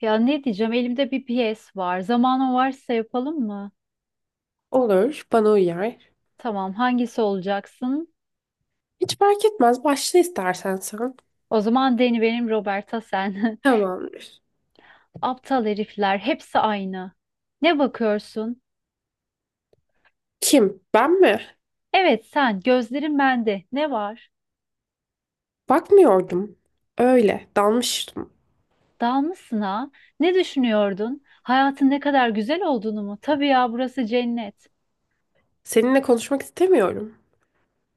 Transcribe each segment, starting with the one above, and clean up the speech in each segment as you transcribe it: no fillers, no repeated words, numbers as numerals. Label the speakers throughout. Speaker 1: Ya ne diyeceğim? Elimde bir piyes var. Zamanın varsa yapalım mı?
Speaker 2: Olur, bana uyar.
Speaker 1: Tamam, hangisi olacaksın?
Speaker 2: Hiç fark etmez, başla istersen sen.
Speaker 1: O zaman Deni benim, Roberta sen.
Speaker 2: Tamamdır.
Speaker 1: Aptal herifler, hepsi aynı. Ne bakıyorsun?
Speaker 2: Kim? Ben mi?
Speaker 1: Evet sen, gözlerin bende. Ne var?
Speaker 2: Bakmıyordum. Öyle, dalmıştım.
Speaker 1: Dalmışsın ha? Ne düşünüyordun? Hayatın ne kadar güzel olduğunu mu? Tabii ya, burası cennet.
Speaker 2: Seninle konuşmak istemiyorum.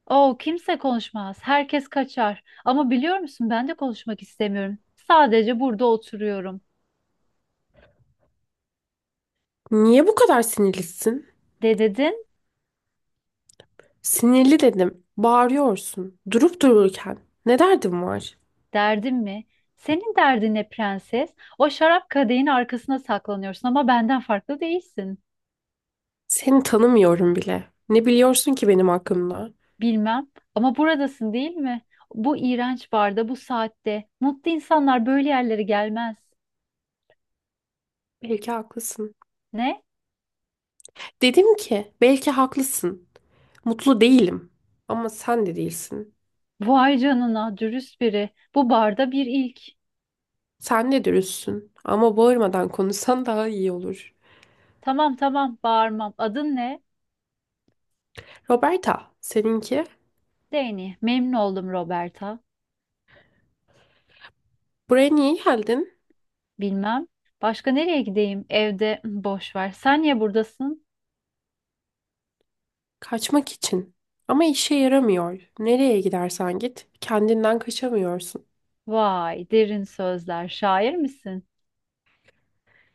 Speaker 1: Oo, kimse konuşmaz. Herkes kaçar. Ama biliyor musun ben de konuşmak istemiyorum. Sadece burada oturuyorum.
Speaker 2: Niye bu kadar sinirlisin?
Speaker 1: De dedin?
Speaker 2: Sinirli dedim. Bağırıyorsun. Durup dururken. Ne derdin var?
Speaker 1: Derdin mi? Senin derdin ne prenses? O şarap kadehin arkasına saklanıyorsun ama benden farklı değilsin.
Speaker 2: Seni tanımıyorum bile. Ne biliyorsun ki benim hakkımda?
Speaker 1: Bilmem ama buradasın değil mi? Bu iğrenç barda, bu saatte. Mutlu insanlar böyle yerlere gelmez.
Speaker 2: Belki haklısın.
Speaker 1: Ne?
Speaker 2: Dedim ki, belki haklısın. Mutlu değilim. Ama sen de değilsin.
Speaker 1: Vay canına, dürüst biri. Bu barda bir ilk.
Speaker 2: Sen de dürüstsün ama bağırmadan konuşsan daha iyi olur.
Speaker 1: Tamam tamam, bağırmam. Adın ne?
Speaker 2: Roberta, seninki?
Speaker 1: Danny. Memnun oldum Roberta.
Speaker 2: Buraya niye geldin?
Speaker 1: Bilmem. Başka nereye gideyim? Evde boş ver. Sen niye buradasın?
Speaker 2: Kaçmak için. Ama işe yaramıyor. Nereye gidersen git, kendinden kaçamıyorsun.
Speaker 1: Vay, derin sözler. Şair misin?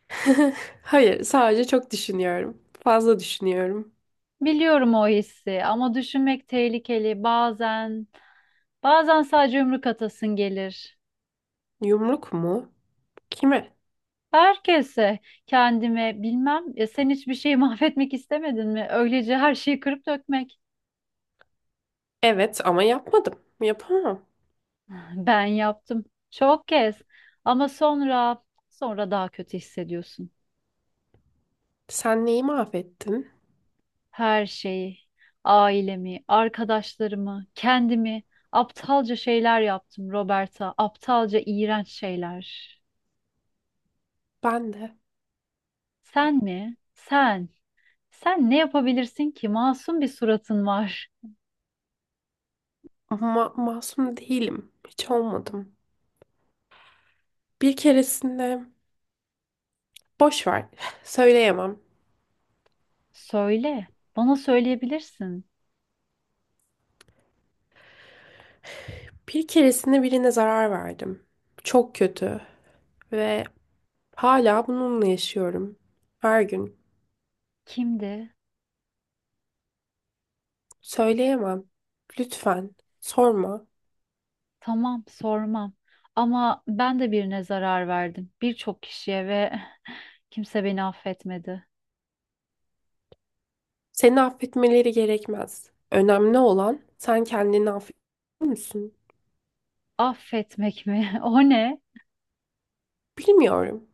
Speaker 2: Hayır, sadece çok düşünüyorum. Fazla düşünüyorum.
Speaker 1: Biliyorum o hissi ama düşünmek tehlikeli. Bazen, bazen sadece yumruk atasın gelir.
Speaker 2: Yumruk mu? Kime?
Speaker 1: Herkese, kendime bilmem. Ya sen hiçbir şeyi mahvetmek istemedin mi? Öylece her şeyi kırıp dökmek.
Speaker 2: Evet ama yapmadım. Yapamam.
Speaker 1: Ben yaptım. Çok kez. Ama sonra, sonra daha kötü hissediyorsun.
Speaker 2: Sen neyi mahvettin?
Speaker 1: Her şeyi, ailemi, arkadaşlarımı, kendimi. Aptalca şeyler yaptım Roberta. Aptalca, iğrenç şeyler.
Speaker 2: Ben de.
Speaker 1: Sen mi? Sen. Sen ne yapabilirsin ki? Masum bir suratın var.
Speaker 2: Masum değilim. Hiç olmadım. Bir keresinde... Boş ver. Söyleyemem.
Speaker 1: Söyle. Bana söyleyebilirsin.
Speaker 2: Bir keresinde birine zarar verdim. Çok kötü ve hala bununla yaşıyorum. Her gün.
Speaker 1: Kimdi?
Speaker 2: Söyleyemem. Lütfen sorma.
Speaker 1: Tamam, sormam. Ama ben de birine zarar verdim. Birçok kişiye ve kimse beni affetmedi.
Speaker 2: Seni affetmeleri gerekmez. Önemli olan sen kendini affediyor musun?
Speaker 1: Affetmek mi? O ne?
Speaker 2: Bilmiyorum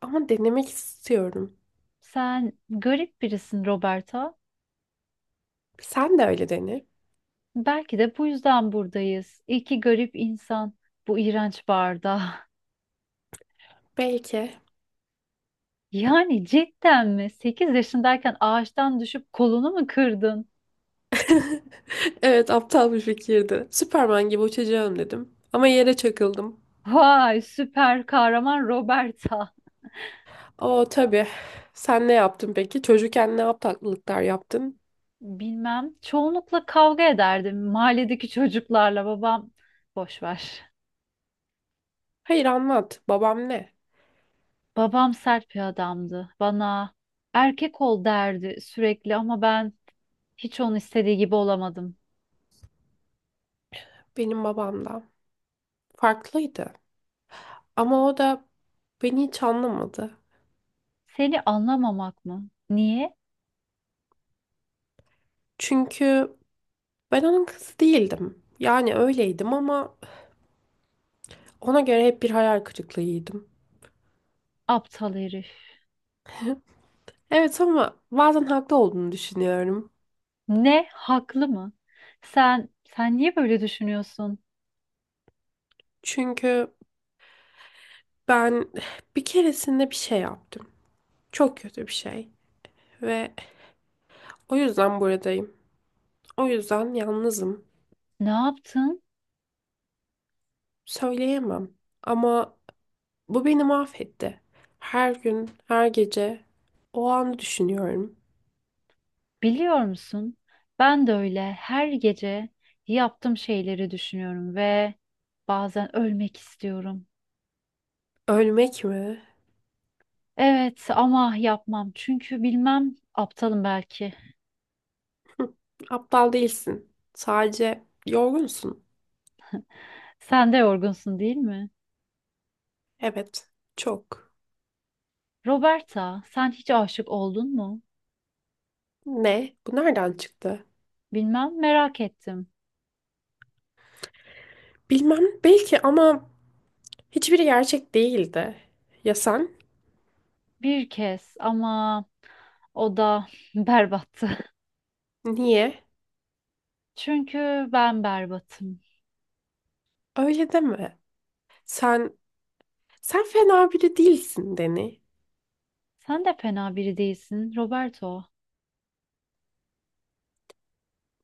Speaker 2: ama denemek istiyorum.
Speaker 1: Sen garip birisin Roberta.
Speaker 2: Sen de öyle dene.
Speaker 1: Belki de bu yüzden buradayız. İki garip insan bu iğrenç barda.
Speaker 2: Belki.
Speaker 1: Yani cidden mi? 8 yaşındayken ağaçtan düşüp kolunu mu kırdın?
Speaker 2: Evet, aptal bir fikirdi. Süperman gibi uçacağım dedim. Ama yere çakıldım.
Speaker 1: Vay süper kahraman Roberta.
Speaker 2: O tabii. Sen ne yaptın peki? Çocukken ne aptallıklar yaptın?
Speaker 1: Bilmem. Çoğunlukla kavga ederdim mahalledeki çocuklarla. Babam boş ver.
Speaker 2: Hayır anlat. Babam ne?
Speaker 1: Babam sert bir adamdı. Bana erkek ol derdi sürekli ama ben hiç onun istediği gibi olamadım.
Speaker 2: Benim babam da farklıydı. Ama o da beni hiç anlamadı.
Speaker 1: Seni anlamamak mı? Niye?
Speaker 2: Çünkü ben onun kızı değildim. Yani öyleydim ama ona göre hep bir hayal kırıklığıydım.
Speaker 1: Aptal herif.
Speaker 2: Evet ama bazen haklı olduğunu düşünüyorum.
Speaker 1: Ne? Haklı mı? Sen niye böyle düşünüyorsun?
Speaker 2: Çünkü ben bir keresinde bir şey yaptım. Çok kötü bir şey. Ve o yüzden buradayım. O yüzden yalnızım.
Speaker 1: Ne yaptın?
Speaker 2: Söyleyemem ama bu beni mahvetti. Her gün, her gece o anı düşünüyorum.
Speaker 1: Biliyor musun? Ben de öyle her gece yaptığım şeyleri düşünüyorum ve bazen ölmek istiyorum.
Speaker 2: Ölmek mi?
Speaker 1: Evet ama yapmam çünkü bilmem aptalım belki.
Speaker 2: Hı, aptal değilsin. Sadece yorgunsun.
Speaker 1: Sen de yorgunsun değil mi?
Speaker 2: Evet, çok.
Speaker 1: Roberta, sen hiç aşık oldun mu?
Speaker 2: Ne? Bu nereden çıktı?
Speaker 1: Bilmem merak ettim.
Speaker 2: Bilmem, belki ama hiçbiri gerçek değildi. Ya sen?
Speaker 1: Bir kez ama o da berbattı.
Speaker 2: Niye?
Speaker 1: Çünkü ben berbatım.
Speaker 2: Öyle deme. Sen, sen fena biri değilsin Deni.
Speaker 1: Sen de fena biri değilsin, Roberto.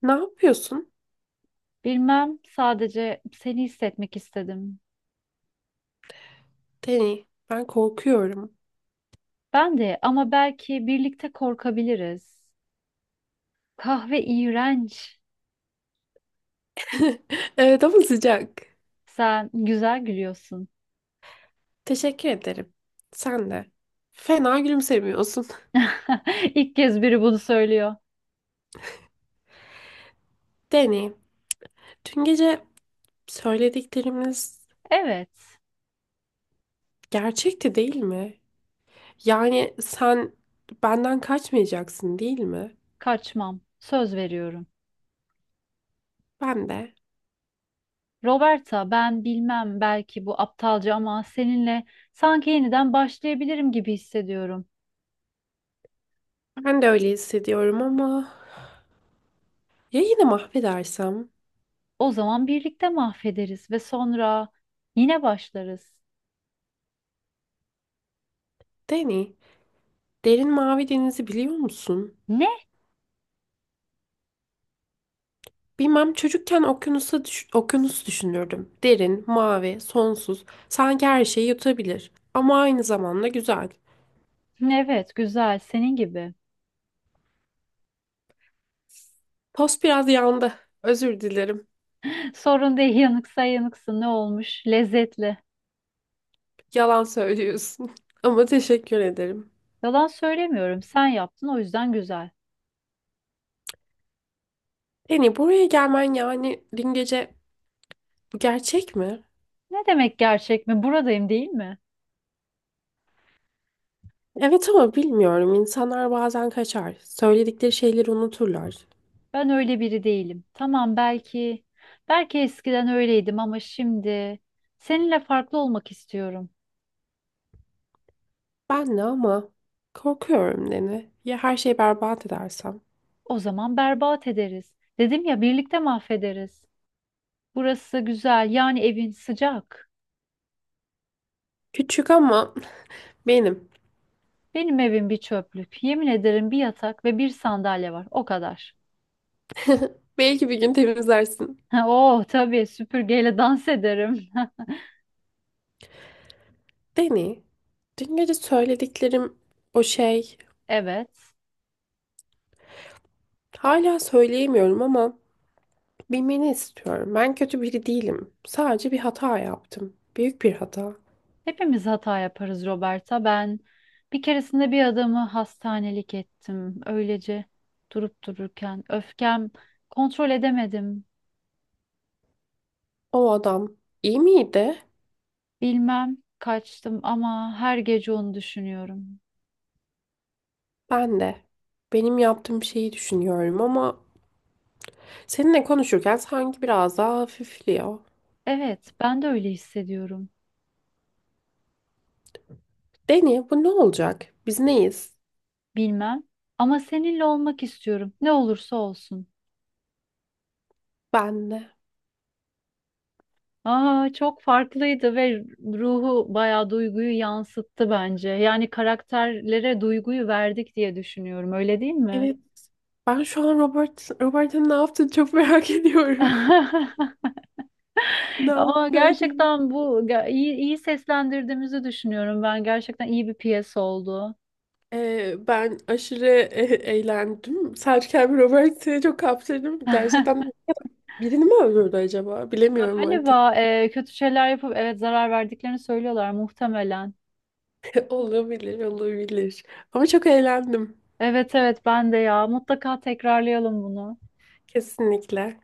Speaker 2: Ne yapıyorsun?
Speaker 1: Bilmem sadece seni hissetmek istedim.
Speaker 2: Deni, ben korkuyorum.
Speaker 1: Ben de ama belki birlikte korkabiliriz. Kahve iğrenç.
Speaker 2: Evet ama sıcak.
Speaker 1: Sen güzel gülüyorsun.
Speaker 2: Teşekkür ederim. Sen de. Fena gülümsemiyorsun.
Speaker 1: İlk kez biri bunu söylüyor.
Speaker 2: Deneyim. Dün gece söylediklerimiz
Speaker 1: Evet,
Speaker 2: gerçekti değil mi? Yani sen benden kaçmayacaksın değil mi?
Speaker 1: kaçmam. Söz veriyorum.
Speaker 2: Ben de.
Speaker 1: Roberta, ben bilmem belki bu aptalca ama seninle sanki yeniden başlayabilirim gibi hissediyorum.
Speaker 2: Ben de öyle hissediyorum ama ya yine mahvedersem?
Speaker 1: O zaman birlikte mahvederiz ve sonra yine başlarız.
Speaker 2: Deni, derin mavi denizi biliyor musun?
Speaker 1: Ne?
Speaker 2: Bilmem, çocukken okyanus düşünürdüm. Derin, mavi, sonsuz, sanki her şeyi yutabilir. Ama aynı zamanda güzel.
Speaker 1: Evet, güzel, senin gibi.
Speaker 2: Tost biraz yandı. Özür dilerim.
Speaker 1: Sorun değil, yanıksa yanıksın ne olmuş? Lezzetli.
Speaker 2: Yalan söylüyorsun. Ama teşekkür ederim.
Speaker 1: Yalan söylemiyorum. Sen yaptın o yüzden güzel.
Speaker 2: Yani buraya gelmen, yani dün gece, bu gerçek mi?
Speaker 1: Ne demek gerçek mi? Buradayım değil mi?
Speaker 2: Evet ama bilmiyorum. İnsanlar bazen kaçar. Söyledikleri şeyleri unuturlar.
Speaker 1: Ben öyle biri değilim. Tamam belki, belki eskiden öyleydim ama şimdi seninle farklı olmak istiyorum.
Speaker 2: Ben de ama korkuyorum Deni. Ya her şeyi berbat edersem?
Speaker 1: O zaman berbat ederiz. Dedim ya birlikte mahvederiz. Burası güzel, yani evin sıcak.
Speaker 2: Küçük ama benim.
Speaker 1: Benim evim bir çöplük. Yemin ederim bir yatak ve bir sandalye var. O kadar.
Speaker 2: Belki bir gün temizlersin.
Speaker 1: Oh tabii, süpürgeyle dans ederim.
Speaker 2: Deni, dün gece söylediklerim, o şey.
Speaker 1: Evet.
Speaker 2: Hala söyleyemiyorum ama bilmeni istiyorum. Ben kötü biri değilim. Sadece bir hata yaptım. Büyük bir hata.
Speaker 1: Hepimiz hata yaparız Roberta. Ben bir keresinde bir adamı hastanelik ettim. Öylece durup dururken öfkem, kontrol edemedim.
Speaker 2: O adam iyi miydi?
Speaker 1: Bilmem kaçtım ama her gece onu düşünüyorum.
Speaker 2: Ben de. Benim yaptığım şeyi düşünüyorum ama seninle konuşurken sanki biraz daha hafifliyor.
Speaker 1: Evet, ben de öyle hissediyorum.
Speaker 2: Deni, bu ne olacak? Biz neyiz?
Speaker 1: Bilmem ama seninle olmak istiyorum. Ne olursa olsun.
Speaker 2: Ben de.
Speaker 1: Aa, çok farklıydı ve ruhu bayağı duyguyu yansıttı bence. Yani karakterlere duyguyu verdik diye düşünüyorum. Öyle değil mi?
Speaker 2: Evet. Ben şu an Robert'ın ne yaptığını çok merak ediyorum. Ne
Speaker 1: Ama
Speaker 2: yaptı acaba?
Speaker 1: gerçekten iyi, iyi seslendirdiğimizi düşünüyorum ben. Gerçekten iyi bir piyes oldu.
Speaker 2: Ben aşırı eğlendim. Sadece kendimi Robert'e çok kaptırdım. Gerçekten birini mi öldürdü acaba? Bilemiyorum artık.
Speaker 1: Galiba kötü şeyler yapıp evet zarar verdiklerini söylüyorlar muhtemelen.
Speaker 2: Olabilir, olabilir. Ama çok eğlendim.
Speaker 1: Evet evet ben de ya, mutlaka tekrarlayalım bunu.
Speaker 2: Kesinlikle.